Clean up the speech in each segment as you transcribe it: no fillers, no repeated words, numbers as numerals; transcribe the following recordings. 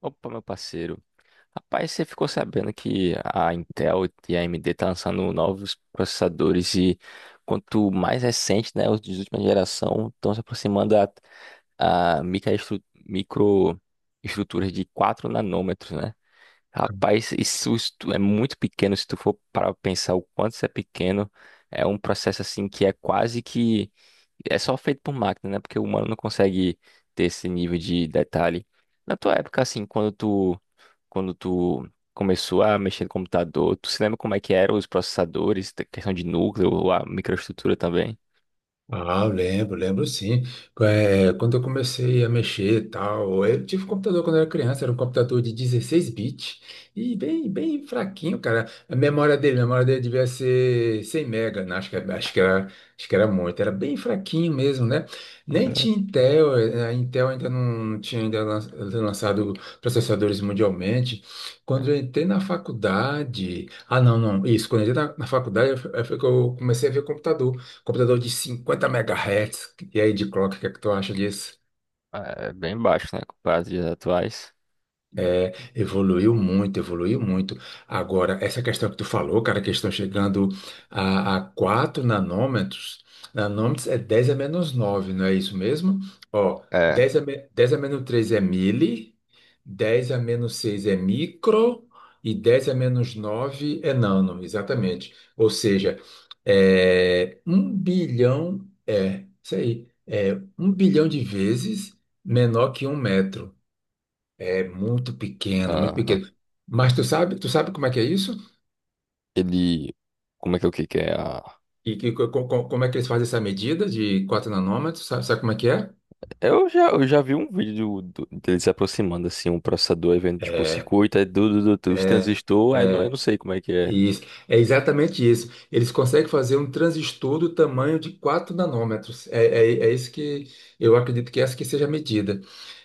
Opa, meu parceiro. Rapaz, você ficou sabendo que a Intel e a AMD tá lançando novos processadores e quanto mais recente, né, os de última geração estão se aproximando a microestruturas de 4 nanômetros, né? Rapaz, isso se tu- é muito pequeno se tu for para pensar o quanto isso é pequeno. É um processo assim que é quase que é só feito por máquina, né? Porque o humano não consegue ter esse nível de detalhe. Na tua época, assim, quando tu começou a mexer no computador, tu se lembra como é que eram os processadores, questão de núcleo, a microestrutura também? Ah, lembro, lembro sim. É, quando eu comecei a mexer e tal, eu tive um computador quando eu era criança, era um computador de 16 bits e bem, bem fraquinho, cara. A memória dele devia ser 100 mega, né? Acho que era muito, era bem fraquinho mesmo, né? Nem tinha É, Intel, a Intel ainda não tinha ainda lançado processadores mundialmente. Quando eu entrei na faculdade, não, não, isso, quando eu entrei na faculdade, foi que eu comecei a ver computador. Computador de 50 megahertz. E aí, de clock, o que é que tu acha disso? é bem baixo, né, comparado aos atuais. É, evoluiu muito, evoluiu muito. Agora, essa questão que tu falou, cara, que estão chegando a 4 nanômetros. Nanômetros é 10 a menos 9, não é isso mesmo? Ó, É, 10 a menos 3 é mili, 10 a menos 6 é micro e 10 a menos 9 é nano, exatamente. Ou seja, é, 1 bilhão, é, isso aí, é 1 bilhão de vezes menor que um metro. É muito pequeno, muito aham. pequeno. Mas tu sabe como é que é isso? Ele, como é que é o que é a... E que, como é que eles fazem essa medida de 4 nanômetros? Sabe, sabe como é que é? Eu já vi um vídeo do dele se aproximando, assim, um processador, aí vendo, tipo, o É, circuito, aí, du, du, du, du, os é, transistores, aí, eu não é, sei como é que é. isso. É exatamente isso. Eles conseguem fazer um transistor do tamanho de 4 nanômetros. É, é, é isso que eu acredito que é essa que seja a medida.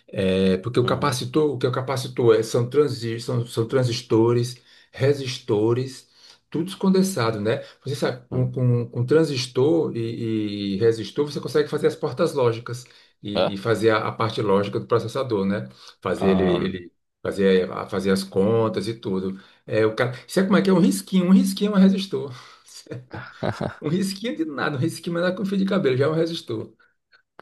É, porque o Hum, capacitor, o que é o capacitor é, são transistores, resistores, tudo condensado, né? Você sabe, com, hum. com, com transistor e resistor, você consegue fazer as portas lógicas e fazer a parte lógica do processador, né? Fazer É? ele fazer as contas e tudo. É, o cara, sabe como é que é? Um risquinho é um resistor. Um risquinho de nada, um risquinho não é nada com fio de cabelo, já é um resistor.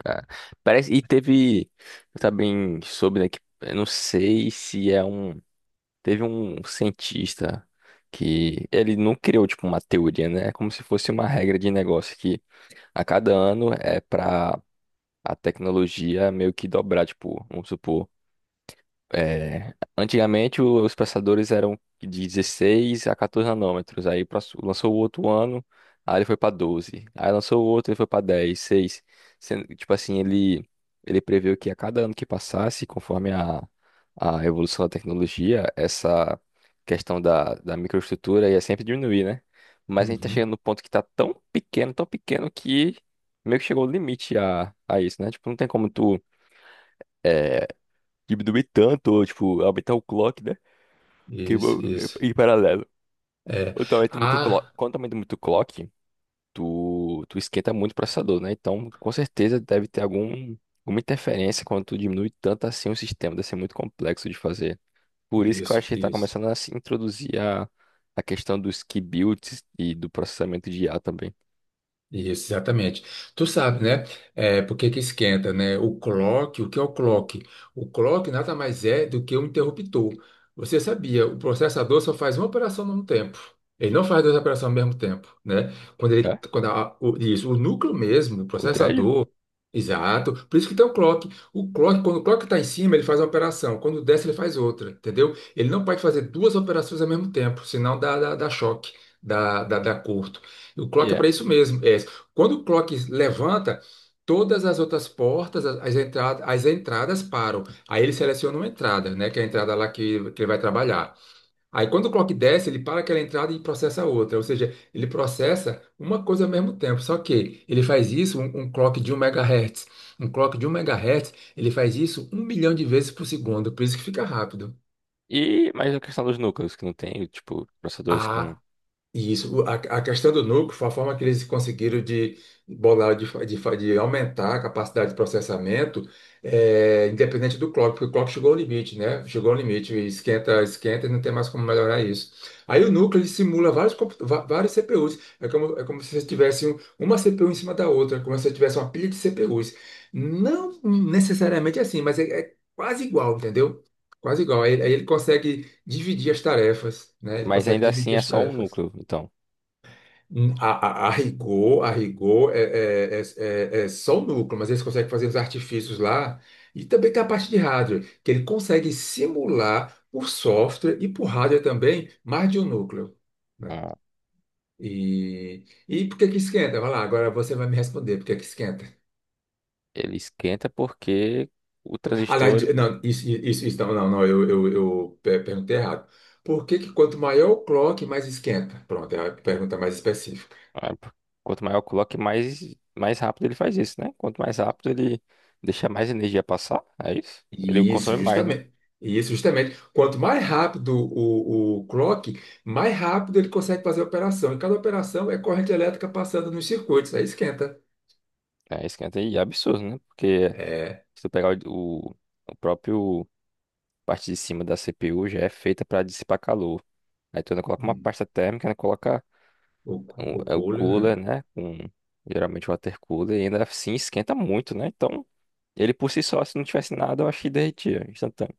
Ah, parece, e teve, eu também soube, né, que eu não sei se é um, teve um cientista que ele não criou, tipo, uma teoria, né, é como se fosse uma regra de negócio que a cada ano é para a tecnologia meio que dobrar, tipo, vamos supor, é, antigamente os passadores eram de 16 a 14 nanômetros. Lançou o outro ano, aí ele foi para 12. Aí lançou o outro, ele foi para 10, 6. Sendo que, tipo assim, ele previu que a cada ano que passasse, conforme a evolução da tecnologia, essa questão da microestrutura ia sempre diminuir, né? Mas a gente tá Uhum. chegando no ponto que tá tão pequeno que meio que chegou o limite a isso, né? Tipo, não tem como tu diminuir tanto, ou, tipo, aumentar o clock, né? Que Isso, bo- isso. Em paralelo. É. Ah. Quando aumenta muito o clock, tu esquenta muito o processador, né? Então, com certeza deve ter algum, alguma interferência quando tu diminui tanto assim o sistema, deve ser muito complexo de fazer. Por isso que eu acho Isso, que tá isso. começando a se introduzir a questão dos key builds e do processamento de IA também. Isso, exatamente. Tu sabe, né? É, por que que esquenta, né? O clock, o que é o clock? O clock nada mais é do que um interruptor. Você sabia, o processador só faz uma operação ao mesmo tempo. Ele não faz duas operações ao mesmo tempo, né? Quando É? ele, quando o, isso, o núcleo mesmo, o O thread? processador, exato. Por isso que tem o clock. O clock, quando o clock está em cima, ele faz uma operação. Quando desce, ele faz outra, entendeu? Ele não pode fazer duas operações ao mesmo tempo, senão dá choque, dá curto. O clock é para É. isso mesmo. É quando o clock levanta, todas as outras portas, as entradas param. Aí ele seleciona uma entrada, né? Que é a entrada lá que ele vai trabalhar. Aí quando o clock desce, ele para aquela entrada e processa outra. Ou seja, ele processa uma coisa ao mesmo tempo. Só que ele faz isso, um clock de 1 megahertz. Um clock de um megahertz, ele faz isso 1 milhão de vezes por segundo. Por isso que fica rápido. E mais a questão dos núcleos, que não tem, tipo, processadores com. Ah. E isso, a questão do núcleo foi a forma que eles conseguiram de bolar, de aumentar a capacidade de processamento, independente do clock, porque o clock chegou ao limite, né? Chegou ao limite, e esquenta, esquenta e não tem mais como melhorar isso. Aí o núcleo ele simula vários CPUs, é como se você tivesse uma CPU em cima da outra, como se você tivesse uma pilha de CPUs. Não necessariamente assim, mas é quase igual, entendeu? Quase igual. Aí ele consegue dividir as tarefas, né? Ele Mas consegue ainda assim dividir é as só um tarefas. núcleo, então. Hum, A, a rigor é só o núcleo, mas eles conseguem fazer os artifícios lá. E também tem a parte de hardware, que ele consegue simular por software e por hardware também mais de um núcleo. Né? Ah, E por que que esquenta? Vai lá, agora você vai me responder por que que esquenta. ele esquenta porque o Aliás, transistor. Não, isso não, não, não, eu perguntei errado. Por que que quanto maior o clock, mais esquenta? Pronto, é a pergunta mais. Ah, quanto maior o clock, mais, mais rápido ele faz isso, né? Quanto mais rápido ele deixa mais energia passar, é isso? Ele Isso, consome mais, né? justamente. Isso, justamente. Quanto mais rápido o clock, mais rápido ele consegue fazer a operação. E cada operação é corrente elétrica passando nos circuitos, aí esquenta. É, esquenta e é absurdo, né? Porque É, se tu pegar o próprio parte de cima da CPU já é feita para dissipar calor. Aí tu ainda coloca uma hum, pasta térmica, ainda coloca o, o é o cooler, cooler, né? né? Com, geralmente o water cooler, e ainda assim esquenta muito, né? Então, ele por si só, se não tivesse nada, eu acho que derretia instantâneo.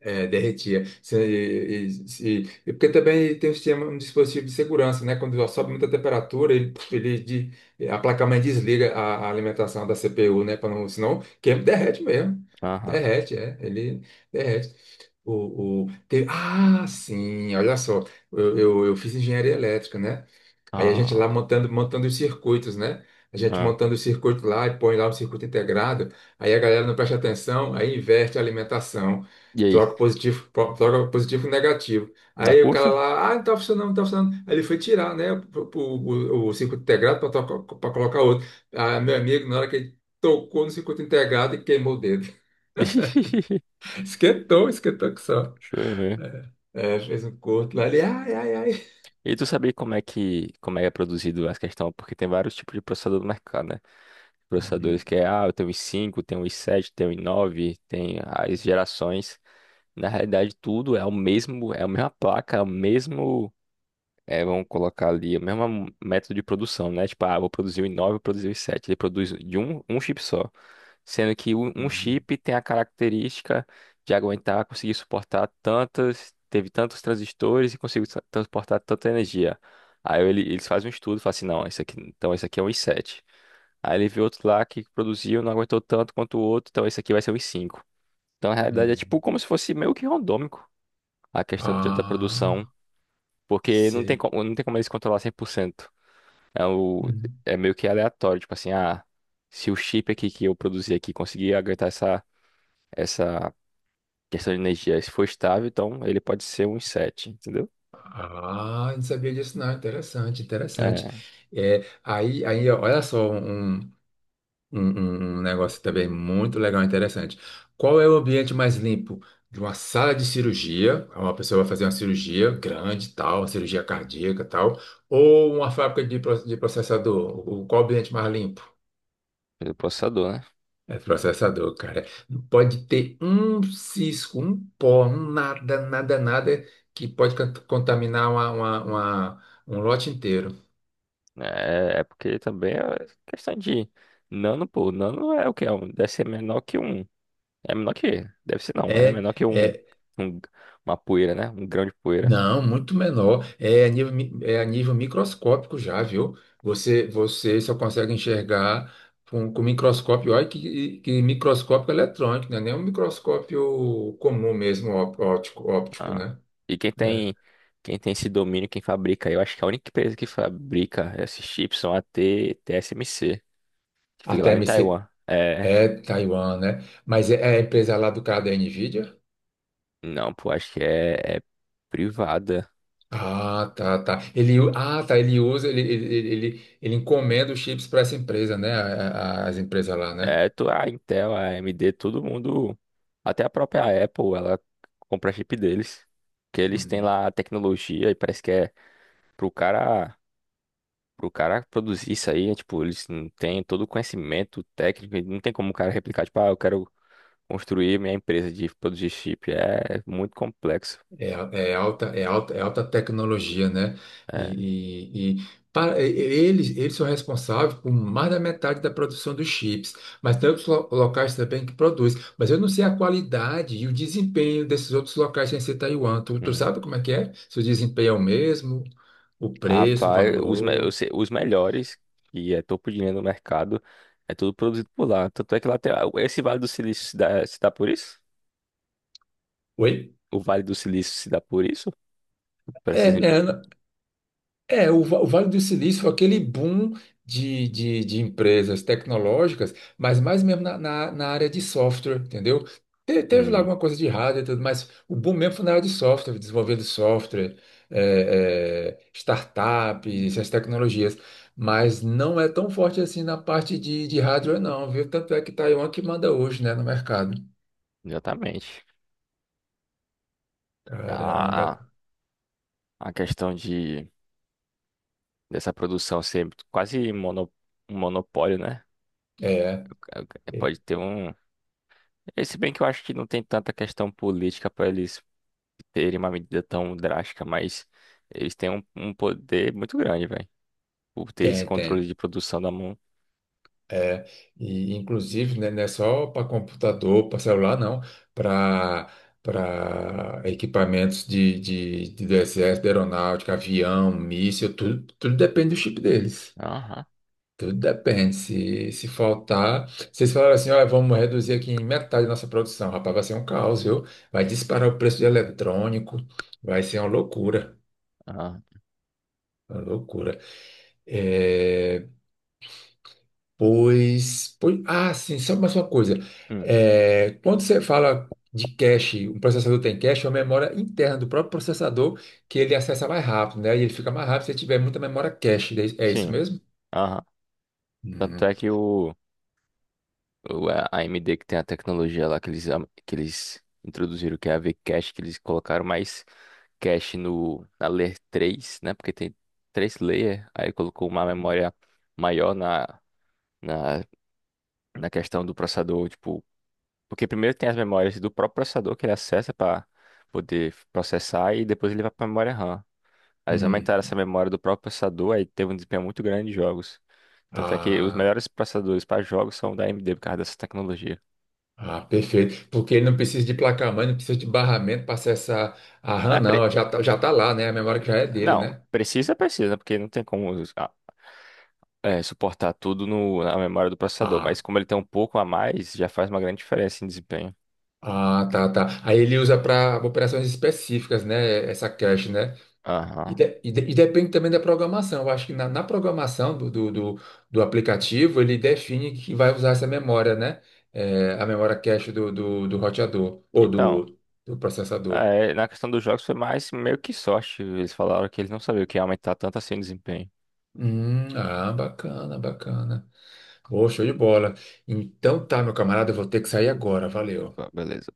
É, derretia. E porque também tem um sistema, um dispositivo de segurança, né? Quando sobe muita temperatura, a placa-mãe desliga a alimentação da CPU, né? Para não, senão queima, derrete mesmo. Aham. Derrete, é. Ele derrete. Ah, sim, olha só. Eu fiz engenharia elétrica, né? Aí a gente Ah, lá montando, montando os circuitos, né? A gente ah. montando o circuito lá e põe lá um circuito integrado. Aí a galera não presta atenção, aí inverte a alimentação. E aí, Troca positivo e negativo. dá Aí o cara curto? lá, ah, não tá funcionando, não tá funcionando. Aí ele foi tirar, né, o circuito integrado para colocar outro. Ah, meu amigo, na hora que ele tocou no circuito integrado e queimou o dedo. Esquentou, esquentou que só. Show, né? É, fez um corte lá, ele, ai, ai, ai. E tu sabia como é que como é produzido essa questão? Porque tem vários tipos de processador no mercado, né? Processadores Uhum, que é, ah, eu tenho i5, tenho i7, tenho i9, tem as gerações. Na realidade, tudo é o mesmo, é a mesma placa, é o mesmo. É, vamos colocar ali o mesmo método de produção, né? Tipo, ah, vou produzir o i9, vou produzir o i7. Ele produz de um, um chip só. Sendo que um uhum, chip tem a característica de aguentar, conseguir suportar tantas, teve tantos transistores e conseguiu transportar tanta energia. Eles fazem um estudo, falam assim, não, esse aqui, então esse aqui é um i7. Aí ele viu outro lá que produziu, não aguentou tanto quanto o outro, então esse aqui vai ser um i5. Então, na realidade, é tipo uhum. como se fosse meio que randômico a questão da produção. Ah, Porque não tem sei. como, não tem como eles controlar 100%. É, o, Uhum. é meio que aleatório, tipo assim, ah, se o chip aqui que eu produzi aqui conseguir aguentar essa, essa questão de energia, se for estável, então ele pode ser um i7, entendeu? Ah, não sabia disso, não. Interessante, interessante. É, É, aí, ó, olha só, um negócio também muito legal e interessante. Qual é o ambiente mais limpo de uma sala de cirurgia? Uma pessoa vai fazer uma cirurgia grande, tal, uma cirurgia cardíaca, tal, ou uma fábrica de processador? Qual o ambiente mais limpo? do processador, né? É processador, cara. Não pode ter um cisco, um pó, um nada, nada, nada que pode contaminar um lote inteiro. É, é porque também é questão de nano, pô, nano é o que? Deve ser menor que um, é menor que, deve ser não, é É, menor que um, é, um- uma poeira, né? Um grão de poeira. não, muito menor. É a nível microscópico já, viu? Você só consegue enxergar com microscópio. Olha que microscópio eletrônico, não é nem é um microscópio comum mesmo, óptico, óptico, Ah. né? E É. Quem tem esse domínio, quem fabrica, eu acho que a única empresa que fabrica esses chips são a TSMC, que A fica lá em TMC Taiwan. É, é Taiwan, né? Mas é a empresa lá do cara da Nvidia? não, pô, acho que é, é privada. Ah, tá, tá. Ele usa, ele encomenda os chips para essa empresa, né? As empresas lá, né? É, tu, a Intel, a AMD, todo mundo, até a própria Apple, ela compra chip deles, que eles têm Hum. lá a tecnologia e parece que é pro cara, pro cara produzir isso aí, é, tipo, eles não têm todo o conhecimento técnico, e não tem como o cara replicar, tipo, ah, eu quero construir minha empresa de produzir chip é muito complexo. É, é alta, é alta, é alta tecnologia, né? E, É. e- e eles são responsáveis por mais da metade da produção dos chips, mas tem outros locais também que produzem. Mas eu não sei a qualidade e o desempenho desses outros locais sem ser Taiwan. Tu Hum. sabe como é que é? Se o desempenho é o mesmo, o preço, o Rapaz, os, me- eu valor. sei- os melhores, que é topo de linha do mercado, é tudo produzido por lá. Tanto é que lá tem, esse Vale do Silício se dá por isso? Oi? O Vale do Silício se dá por isso? Para É, essas é, empresas? é. O Vale do Silício foi aquele boom de empresas tecnológicas, mas mais mesmo na área de software, entendeu? Teve lá Hum, alguma coisa de hardware e tudo, mas o boom mesmo foi na área de software, desenvolvendo software, é, é, startups, essas tecnologias. Mas não é tão forte assim na parte de hardware, não, viu? Tanto é que Taiwan que manda hoje, né, no mercado. exatamente. Caramba. A, a questão de, dessa produção ser quase mono, um monopólio, né? É, É, é, é, pode ter um. Se bem que eu acho que não tem tanta questão política para eles terem uma medida tão drástica, mas eles têm um, um poder muito grande, velho, por ter esse tem, controle tem. de produção da mão. É, e inclusive, né, não é só para computador, para celular, não, para equipamentos de do exército, de aeronáutica, avião, míssil, tudo, tudo depende do chip deles. Aham, Tudo depende. Se faltar, se eles falarem assim, olha, vamos reduzir aqui em metade a nossa produção, rapaz, vai ser um caos, viu? Vai disparar o preço de eletrônico, vai ser uma loucura. aham. Uma loucura. É, pois, pois, ah, sim, só mais uma coisa. Hum, É, quando você fala de cache, um processador tem cache, é uma memória interna do próprio processador que ele acessa mais rápido, né? E ele fica mais rápido se ele tiver muita memória cache. É isso? É isso sim, mesmo? aham. Tanto Hum, é que o a AMD que tem a tecnologia lá que eles, que eles introduziram, que é a V-Cache, que eles colocaram mais cache no, na Layer 3, né? Porque tem três layer, aí colocou uma memória maior na, na questão do processador, tipo. Porque primeiro tem as memórias do próprio processador que ele acessa para poder processar e depois ele vai para a memória RAM. Aí eles aumentaram hum. essa memória do próprio processador, aí teve um desempenho muito grande de jogos. Tanto é que os Ah, melhores processadores para jogos são da AMD por causa dessa tecnologia. ah, perfeito. Porque ele não precisa de placa-mãe, não precisa de barramento para acessar a RAM, É, não. Já tá lá, né? A memória que já é dele, não, né? precisa, precisa, né? Porque não tem como, ah, é, suportar tudo na memória do processador. Ah, Mas como ele tem um pouco a mais, já faz uma grande diferença em desempenho. ah, tá, tá. Aí ele usa para operações específicas, né? Essa cache, né? E, Aham. de- e de- e depende também da programação. Eu acho que na programação do aplicativo, ele define que vai usar essa memória, né? É, a memória cache do roteador ou Então. do Ah, processador. é, na questão dos jogos foi mais meio que sorte. Eles falaram que eles não sabiam que ia aumentar tanto assim o desempenho. Ah, bacana, bacana. Pô, show de bola. Então tá, meu camarada, eu vou ter que sair agora. Valeu. Opa, beleza.